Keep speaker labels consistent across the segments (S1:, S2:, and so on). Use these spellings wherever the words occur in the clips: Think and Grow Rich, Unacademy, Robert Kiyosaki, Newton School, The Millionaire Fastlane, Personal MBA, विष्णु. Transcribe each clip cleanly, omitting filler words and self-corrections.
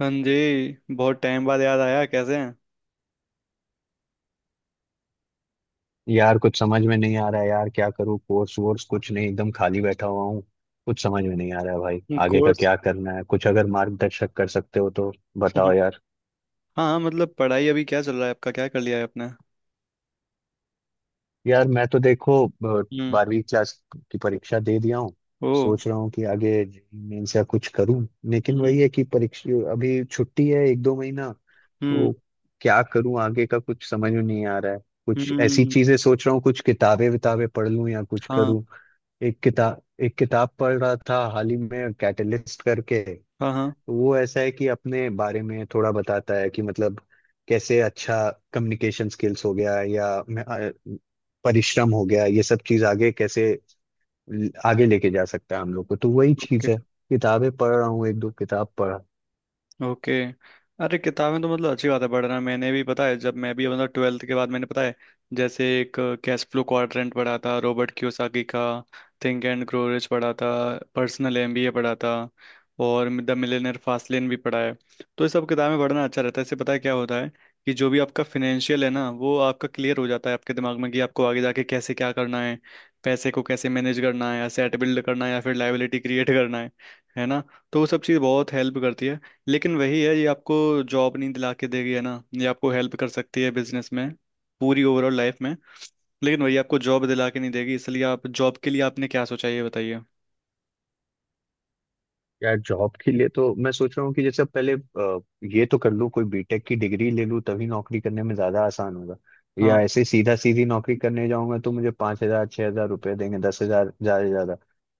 S1: हाँ जी, बहुत टाइम बाद याद आया। कैसे
S2: यार कुछ समझ में नहीं आ रहा है यार, क्या करूँ? कोर्स वोर्स कुछ नहीं, एकदम खाली बैठा हुआ हूँ। कुछ समझ में नहीं आ रहा है भाई,
S1: हैं?
S2: आगे का
S1: कोर्स?
S2: क्या करना है कुछ अगर मार्गदर्शक कर सकते हो तो बताओ यार।
S1: हाँ हाँ, मतलब पढ़ाई अभी क्या चल रहा है आपका? क्या कर लिया है आपने?
S2: यार मैं तो देखो
S1: हम्म।
S2: 12वीं क्लास की परीक्षा दे दिया हूँ।
S1: ओ।
S2: सोच रहा हूँ कि आगे मेंस या कुछ करूँ, लेकिन
S1: हम्म।
S2: वही है कि परीक्षा अभी छुट्टी है एक दो महीना,
S1: हम्म।
S2: तो क्या करूँ आगे का, कुछ समझ में नहीं आ रहा है। कुछ ऐसी
S1: हम्म।
S2: चीजें सोच रहा हूँ, कुछ किताबें विताबें पढ़ लूँ या कुछ
S1: हाँ
S2: करूँ। एक किताब पढ़ रहा था हाल ही में, कैटलिस्ट करके।
S1: हाँ। हाँ।
S2: तो वो ऐसा है कि अपने बारे में थोड़ा बताता है कि मतलब कैसे अच्छा कम्युनिकेशन स्किल्स हो गया या परिश्रम हो गया, ये सब चीज आगे कैसे आगे लेके जा सकता है हम लोग को, तो वही
S1: ओके।
S2: चीज है। किताबें पढ़ रहा हूँ, एक दो किताब पढ़ा।
S1: ओके। अरे, किताबें तो मतलब अच्छी बात है पढ़ना। मैंने भी, पता है, जब मैं भी मतलब ट्वेल्थ के बाद, मैंने, पता है, जैसे एक कैश फ्लो क्वाड्रेंट पढ़ा था रॉबर्ट कियोसाकी का। थिंक एंड ग्रो रिच पढ़ा था। पर्सनल एमबीए पढ़ा था। और द मिलियनेयर फास्ट लेन भी पढ़ा है। तो ये सब किताबें पढ़ना अच्छा रहता है। इससे पता है क्या होता है, कि जो भी आपका फिनेंशियल है ना, वो आपका क्लियर हो जाता है आपके दिमाग में, कि आपको आगे जाके कैसे क्या करना है। पैसे को कैसे मैनेज करना है, एसेट बिल्ड करना है या फिर लायबिलिटी क्रिएट करना है। है ना? तो वो सब चीज़ बहुत हेल्प करती है। लेकिन वही है, ये आपको जॉब नहीं दिला के देगी। है ना? ये आपको हेल्प कर सकती है बिजनेस में, पूरी ओवरऑल लाइफ में। लेकिन वही आपको जॉब दिला के नहीं देगी, इसलिए आप जॉब के लिए, आपने क्या सोचा है, ये बताइए।
S2: यार जॉब के लिए तो मैं सोच रहा हूँ कि जैसे अब पहले ये तो कर लूँ, कोई बीटेक की डिग्री ले लूँ तभी नौकरी करने में ज्यादा आसान होगा। या
S1: हाँ।
S2: ऐसे सीधा सीधी नौकरी करने जाऊंगा तो मुझे 5,000 6,000 रुपये देंगे, 10,000 ज्यादा से ज्यादा।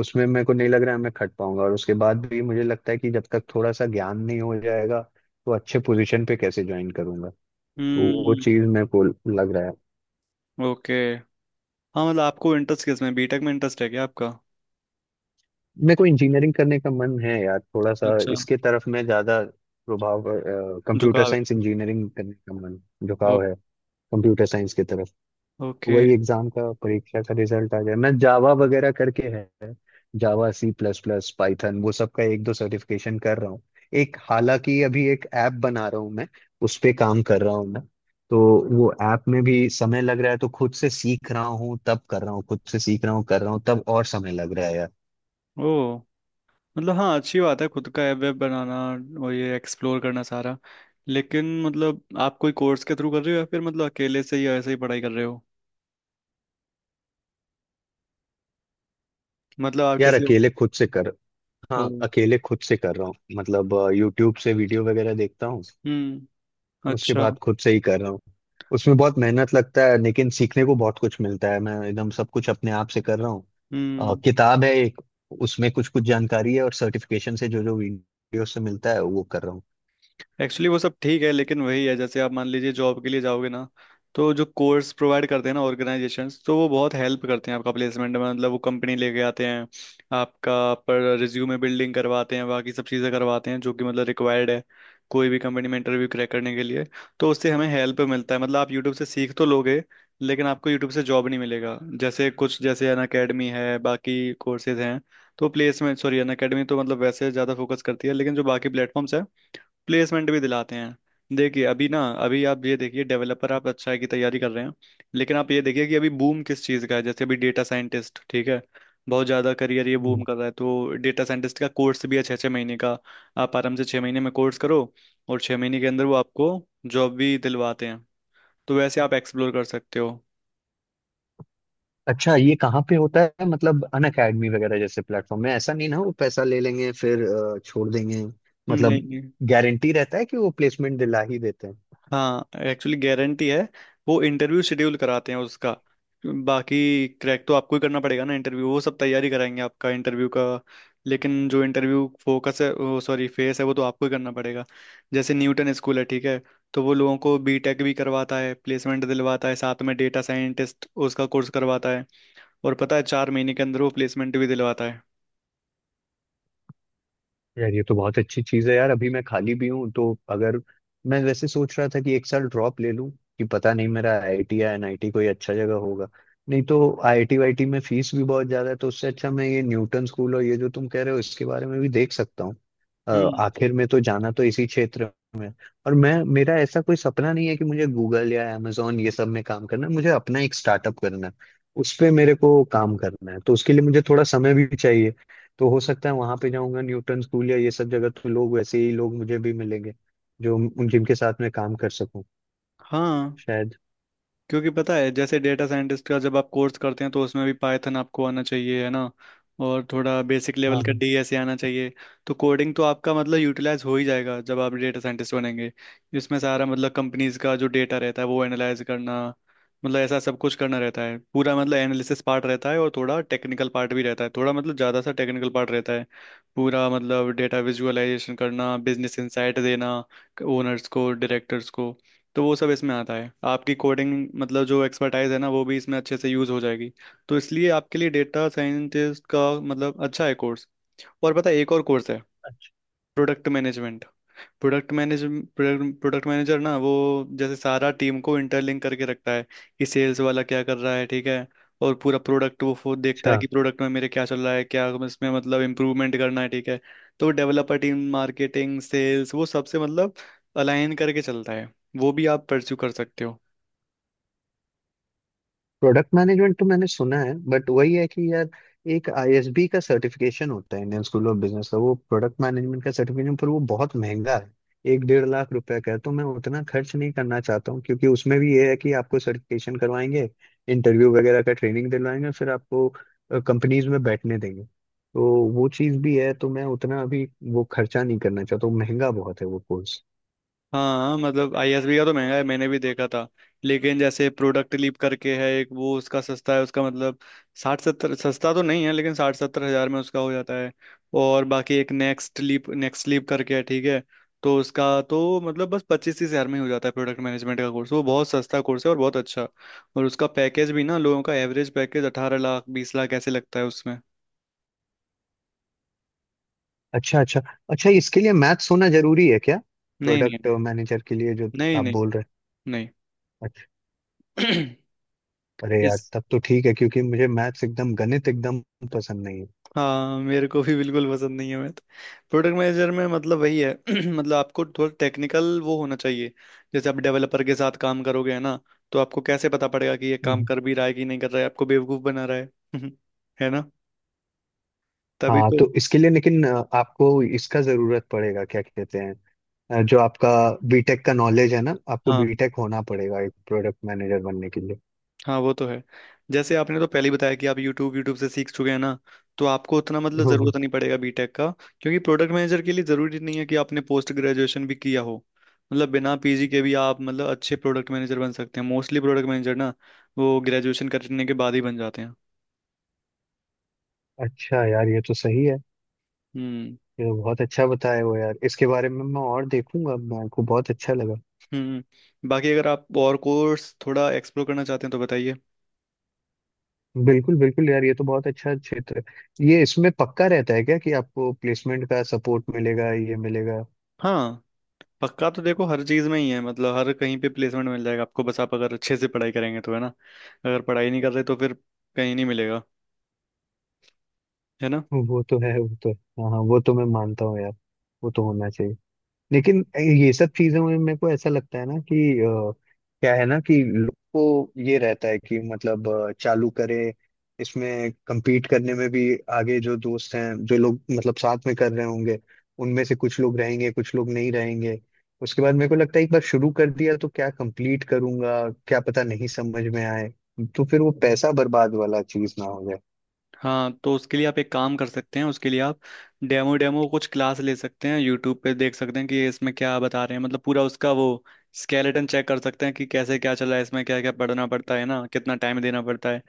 S2: उसमें मेरे को नहीं लग रहा है मैं खट पाऊंगा, और उसके बाद भी मुझे लगता है कि जब तक थोड़ा सा ज्ञान नहीं हो जाएगा तो अच्छे पोजीशन पे कैसे ज्वाइन करूंगा। तो वो
S1: हम्म।
S2: चीज मेरे को लग रहा है।
S1: ओके। हाँ, मतलब आपको इंटरेस्ट किस में? बीटेक में इंटरेस्ट है क्या आपका?
S2: मेरे को इंजीनियरिंग करने का मन है यार, थोड़ा सा
S1: अच्छा।
S2: इसके तरफ मैं ज्यादा प्रभाव, कंप्यूटर
S1: झुकाव है।
S2: साइंस इंजीनियरिंग करने का मन,
S1: ओ,
S2: झुकाव है कंप्यूटर साइंस की तरफ।
S1: ओके।
S2: वही एग्जाम का, परीक्षा का रिजल्ट आ गया, मैं जावा वगैरह करके है। Java, C plus plus, Python वो सब का एक दो सर्टिफिकेशन कर रहा हूँ। एक, हालांकि अभी एक ऐप बना रहा हूँ मैं, उस पे काम कर रहा हूँ मैं। तो वो ऐप में भी समय लग रहा है, तो खुद से सीख रहा हूँ तब कर रहा हूँ, खुद से सीख रहा हूँ कर रहा हूँ, तब और समय लग रहा है यार।
S1: ओ, मतलब हाँ, अच्छी बात है खुद का ऐप वेब बनाना और ये एक्सप्लोर करना सारा। लेकिन मतलब आप कोई कोर्स के थ्रू कर रहे हो या फिर मतलब अकेले से ही ऐसे ही पढ़ाई कर रहे हो? मतलब आप
S2: यार
S1: किसी।
S2: अकेले खुद से कर
S1: ओ।
S2: हाँ, अकेले खुद से कर रहा हूँ मतलब। यूट्यूब से वीडियो वगैरह देखता हूँ।
S1: हम्म।
S2: उसके
S1: अच्छा।
S2: बाद खुद से ही कर रहा हूँ। उसमें बहुत मेहनत लगता है, लेकिन सीखने को बहुत कुछ मिलता है, मैं एकदम सब कुछ अपने आप से कर रहा हूँ।
S1: हम्म।
S2: किताब है एक, उसमें कुछ कुछ जानकारी है, और सर्टिफिकेशन से जो जो वीडियो से मिलता है वो कर रहा हूँ।
S1: एक्चुअली वो सब ठीक है, लेकिन वही है, जैसे आप मान लीजिए जॉब के लिए जाओगे ना, तो जो कोर्स प्रोवाइड करते हैं ना ऑर्गेनाइजेशंस, तो वो बहुत हेल्प करते हैं आपका प्लेसमेंट में। मतलब वो कंपनी लेके आते हैं, आपका पर रिज्यूमे बिल्डिंग करवाते हैं, बाकी सब चीज़ें करवाते हैं जो कि मतलब रिक्वायर्ड है कोई भी कंपनी में इंटरव्यू क्रैक करने के लिए। तो उससे हमें हेल्प मिलता है। मतलब आप यूट्यूब से सीख तो लोगे, लेकिन आपको यूट्यूब से जॉब नहीं मिलेगा। जैसे कुछ, जैसे अन अकेडमी है, बाकी कोर्सेज हैं। तो प्लेसमेंट, सॉरी, अन अकेडमी तो मतलब वैसे ज़्यादा फोकस करती है, लेकिन जो बाकी प्लेटफॉर्म्स प्लेसमेंट भी दिलाते हैं। देखिए, अभी ना, अभी आप ये देखिए, डेवलपर आप अच्छा है की तैयारी कर रहे हैं, लेकिन आप ये देखिए कि अभी बूम किस चीज़ का है। जैसे अभी डेटा साइंटिस्ट, ठीक है। बहुत ज़्यादा करियर ये
S2: हम्म।
S1: बूम कर रहा है। तो डेटा साइंटिस्ट का कोर्स भी है, छः छः महीने का। आप आराम से 6 महीने में कोर्स करो, और 6 महीने के अंदर वो आपको जॉब भी दिलवाते हैं। तो वैसे आप एक्सप्लोर कर सकते हो।
S2: अच्छा, ये कहाँ पे होता है? मतलब अन अकेडमी वगैरह जैसे प्लेटफॉर्म में ऐसा नहीं ना वो पैसा ले लेंगे फिर छोड़ देंगे
S1: नहीं
S2: मतलब।
S1: नहीं।
S2: गारंटी रहता है कि वो प्लेसमेंट दिला ही देते हैं?
S1: हाँ, एक्चुअली गारंटी है। वो इंटरव्यू शेड्यूल कराते हैं उसका। बाकी क्रैक तो आपको ही करना पड़ेगा ना इंटरव्यू। वो सब तैयारी कराएंगे आपका इंटरव्यू का, लेकिन जो इंटरव्यू फोकस है वो, सॉरी, फेस है वो, तो आपको ही करना पड़ेगा। जैसे न्यूटन स्कूल है, ठीक है। तो वो लोगों को बीटेक भी करवाता है, प्लेसमेंट दिलवाता है, साथ में डेटा साइंटिस्ट उसका कोर्स करवाता है। और पता है 4 महीने के अंदर वो प्लेसमेंट भी दिलवाता है।
S2: यार ये तो बहुत अच्छी चीज है यार, अभी मैं खाली भी हूँ, तो अगर, मैं वैसे सोच रहा था कि एक साल ड्रॉप ले लूँ, कि पता नहीं मेरा आईआईटी या एनआईटी कोई अच्छा जगह होगा, नहीं तो आईआईटी वाईटी में फीस भी बहुत ज्यादा है, तो उससे अच्छा मैं ये न्यूटन स्कूल और ये जो तुम कह रहे हो इसके बारे में भी देख सकता हूँ।
S1: हम्म।
S2: आखिर में तो जाना तो इसी क्षेत्र। और मैं, मेरा ऐसा कोई सपना नहीं है कि मुझे गूगल या amazon ये सब में काम करना है, मुझे अपना एक स्टार्टअप करना है, उस पे मेरे को काम करना है, तो उसके लिए मुझे थोड़ा समय भी चाहिए। तो हो सकता है वहां पे जाऊंगा न्यूटन स्कूल या ये सब जगह, तो लोग वैसे ही लोग मुझे भी मिलेंगे जो, उन, जिनके साथ मैं काम कर सकूं,
S1: हाँ,
S2: शायद।
S1: क्योंकि पता है जैसे डेटा साइंटिस्ट का जब आप कोर्स करते हैं, तो उसमें भी पाइथन आपको आना चाहिए, है ना? और थोड़ा बेसिक लेवल
S2: हाँ,
S1: का
S2: हाँ।
S1: डीएसए आना चाहिए। तो कोडिंग तो आपका मतलब यूटिलाइज हो ही जाएगा जब आप डेटा साइंटिस्ट बनेंगे। इसमें सारा मतलब कंपनीज का जो डेटा रहता है वो एनालाइज करना, मतलब ऐसा सब कुछ करना रहता है। पूरा मतलब एनालिसिस पार्ट रहता है, और थोड़ा टेक्निकल पार्ट भी रहता है, थोड़ा मतलब ज़्यादा सा टेक्निकल पार्ट रहता है। पूरा मतलब डेटा विजुअलाइजेशन करना, बिजनेस इंसाइट देना ओनर्स को, डायरेक्टर्स को। तो वो सब इसमें आता है, आपकी कोडिंग मतलब जो एक्सपर्टाइज है ना, वो भी इसमें अच्छे से यूज हो जाएगी। तो इसलिए आपके लिए डेटा साइंटिस्ट का मतलब अच्छा है कोर्स। और पता है एक और कोर्स है, product management. Product manage product manager ना वो, जैसे सारा टीम को इंटरलिंक करके रखता है कि सेल्स वाला क्या कर रहा है, ठीक है। और पूरा प्रोडक्ट वो खुद देखता है
S2: अच्छा।
S1: कि प्रोडक्ट में मेरे क्या चल रहा है, क्या इसमें मतलब इम्प्रूवमेंट करना है, ठीक है। तो डेवलपर टीम, मार्केटिंग, सेल्स, वो सबसे मतलब अलाइन करके चलता है। वो भी आप परस्यू कर सकते हो।
S2: प्रोडक्ट मैनेजमेंट तो मैंने सुना है, बट वही है कि यार, एक आईएसबी का सर्टिफिकेशन होता है, इंडियन स्कूल ऑफ बिजनेस का, वो प्रोडक्ट मैनेजमेंट का सर्टिफिकेशन, पर वो बहुत महंगा है। एक डेढ़ लाख रुपए का है, तो मैं उतना खर्च नहीं करना चाहता हूँ, क्योंकि उसमें भी ये है कि आपको सर्टिफिकेशन करवाएंगे, इंटरव्यू वगैरह का ट्रेनिंग दिलवाएंगे, फिर आपको कंपनीज में बैठने देंगे, तो वो चीज़ भी है, तो मैं उतना अभी वो खर्चा नहीं करना चाहता हूँ, महंगा बहुत है वो कोर्स।
S1: हाँ, मतलब आईएसबी का तो महंगा है, मैंने भी देखा था। लेकिन जैसे प्रोडक्ट लीप करके है एक, वो उसका सस्ता है, उसका मतलब 60-70 सस्ता तो नहीं है, लेकिन 60-70 हजार में उसका हो जाता है। और बाकी एक नेक्स्ट लीप करके है, ठीक है। तो उसका तो मतलब बस 25-30 हजार में ही हो जाता है प्रोडक्ट मैनेजमेंट का कोर्स। वो बहुत सस्ता कोर्स है और बहुत अच्छा। और उसका पैकेज भी ना लोगों का, एवरेज पैकेज 18 लाख 20 लाख ऐसे लगता है उसमें।
S2: अच्छा, अच्छा, अच्छा। इसके लिए मैथ्स होना जरूरी है क्या?
S1: नहीं नहीं
S2: प्रोडक्ट
S1: नहीं।
S2: मैनेजर के लिए जो
S1: नहीं
S2: आप
S1: नहीं
S2: बोल रहे हैं? अच्छा,
S1: नहीं।
S2: अरे यार
S1: इस
S2: तब तो ठीक है, क्योंकि मुझे मैथ्स एकदम, गणित एकदम पसंद नहीं है।
S1: हाँ, मेरे को भी बिल्कुल पसंद नहीं है मैथ। प्रोडक्ट मैनेजर में मतलब वही है, मतलब आपको थोड़ा टेक्निकल वो होना चाहिए। जैसे आप डेवलपर के साथ काम करोगे, है ना? तो आपको कैसे पता पड़ेगा कि ये काम
S2: हम्म।
S1: कर भी रहा है कि नहीं कर रहा है, आपको बेवकूफ बना रहा है। है ना? तभी
S2: हाँ,
S1: तो।
S2: तो इसके लिए लेकिन आपको इसका जरूरत पड़ेगा क्या, कहते हैं जो आपका बीटेक का नॉलेज है ना, आपको
S1: हाँ।
S2: बीटेक होना पड़ेगा एक प्रोडक्ट मैनेजर बनने के लिए?
S1: हाँ वो तो है। जैसे आपने तो पहले ही बताया कि आप YouTube से सीख चुके हैं ना, तो आपको उतना मतलब
S2: हम्म,
S1: ज़रूरत नहीं पड़ेगा बीटेक का। क्योंकि प्रोडक्ट मैनेजर के लिए ज़रूरी नहीं है कि आपने पोस्ट ग्रेजुएशन भी किया हो, मतलब बिना पीजी के भी आप मतलब अच्छे प्रोडक्ट मैनेजर बन सकते हैं। मोस्टली प्रोडक्ट मैनेजर ना वो ग्रेजुएशन करने के बाद ही बन जाते हैं।
S2: अच्छा यार, ये तो सही है।
S1: हम्म।
S2: ये तो बहुत अच्छा बताए हो यार, इसके बारे में मैं और देखूंगा, मेरे को बहुत अच्छा लगा।
S1: हम्म, बाकी अगर आप और कोर्स थोड़ा एक्सप्लोर करना चाहते हैं तो बताइए।
S2: बिल्कुल बिल्कुल यार, ये तो बहुत अच्छा क्षेत्र है ये। इसमें पक्का रहता है क्या कि आपको प्लेसमेंट का सपोर्ट मिलेगा, ये मिलेगा?
S1: हाँ, पक्का तो देखो हर चीज में ही है, मतलब हर कहीं पे प्लेसमेंट मिल जाएगा आपको, बस आप अगर अच्छे से पढ़ाई करेंगे तो, है ना? अगर पढ़ाई नहीं कर रहे तो फिर कहीं नहीं मिलेगा, है ना?
S2: वो तो है, वो तो है। हाँ, हाँ, वो तो मैं मानता हूँ यार, वो तो होना चाहिए। लेकिन ये सब चीजों में मेरे को ऐसा लगता है ना कि क्या है ना कि लोग को ये रहता है कि मतलब चालू करे, इसमें compete करने में भी, आगे जो दोस्त हैं जो लोग मतलब साथ में कर रहे होंगे, उनमें से कुछ लोग रहेंगे कुछ लोग नहीं रहेंगे। उसके बाद मेरे को लगता है एक बार शुरू कर दिया तो क्या कंप्लीट करूंगा, क्या पता नहीं समझ में आए, तो फिर वो पैसा बर्बाद वाला चीज ना हो।
S1: हाँ, तो उसके लिए आप एक काम कर सकते हैं, उसके लिए आप डेमो डेमो कुछ क्लास ले सकते हैं, यूट्यूब पे देख सकते हैं कि ये इसमें क्या बता रहे हैं। मतलब पूरा उसका वो स्केलेटन चेक कर सकते हैं, कि कैसे क्या चला है इसमें, क्या क्या पढ़ना पड़ता है ना, कितना टाइम देना पड़ता है।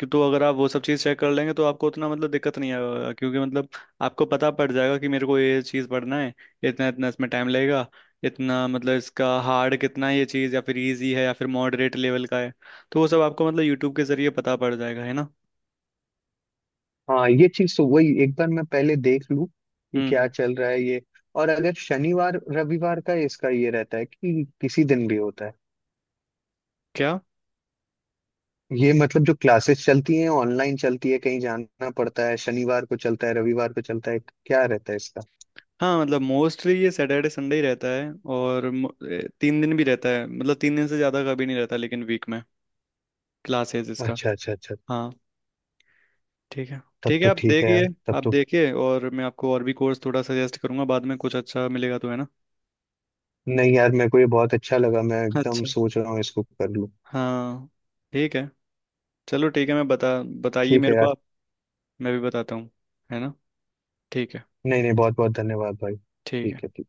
S1: कि तो अगर आप वो सब चीज़ चेक कर लेंगे तो आपको उतना मतलब दिक्कत नहीं आएगा, क्योंकि मतलब आपको पता पड़ जाएगा कि मेरे को ये चीज़ पढ़ना है, इतना इतना इसमें टाइम लगेगा, इतना मतलब इसका हार्ड कितना है ये चीज़, या फिर इजी है या फिर मॉडरेट लेवल का है। तो वो सब आपको मतलब यूट्यूब के जरिए पता पड़ जाएगा, है ना?
S2: हाँ, ये चीज तो वही एक बार मैं पहले देख लूँ कि क्या
S1: हम्म।
S2: चल रहा है ये। और अगर शनिवार रविवार का इसका ये रहता है कि किसी दिन भी होता है,
S1: क्या?
S2: ये मतलब जो क्लासेस चलती हैं, ऑनलाइन चलती है, कहीं जाना पड़ता है, शनिवार को चलता है, रविवार को चलता है, क्या रहता है इसका?
S1: हाँ मतलब मोस्टली ये सैटरडे संडे ही रहता है, और 3 दिन भी रहता है, मतलब 3 दिन से ज़्यादा कभी नहीं रहता लेकिन वीक में, क्लासेस इसका।
S2: अच्छा, अच्छा, अच्छा।
S1: हाँ। ठीक है।
S2: तब
S1: ठीक है,
S2: तो
S1: आप
S2: ठीक है
S1: देखिए।
S2: यार, तब
S1: आप
S2: तो।
S1: देखिए, और मैं आपको और भी कोर्स थोड़ा सजेस्ट करूंगा बाद में, कुछ अच्छा मिलेगा तो, है ना?
S2: नहीं यार, मेरे को ये बहुत अच्छा लगा, मैं एकदम
S1: अच्छा।
S2: सोच रहा हूँ इसको कर लूँ।
S1: हाँ। ठीक है। चलो ठीक है, मैं बताइए
S2: ठीक
S1: मेरे
S2: है
S1: को
S2: यार।
S1: आप, मैं भी बताता हूँ, है ना? ठीक है।
S2: नहीं नहीं, बहुत बहुत धन्यवाद भाई,
S1: ठीक है।
S2: ठीक है।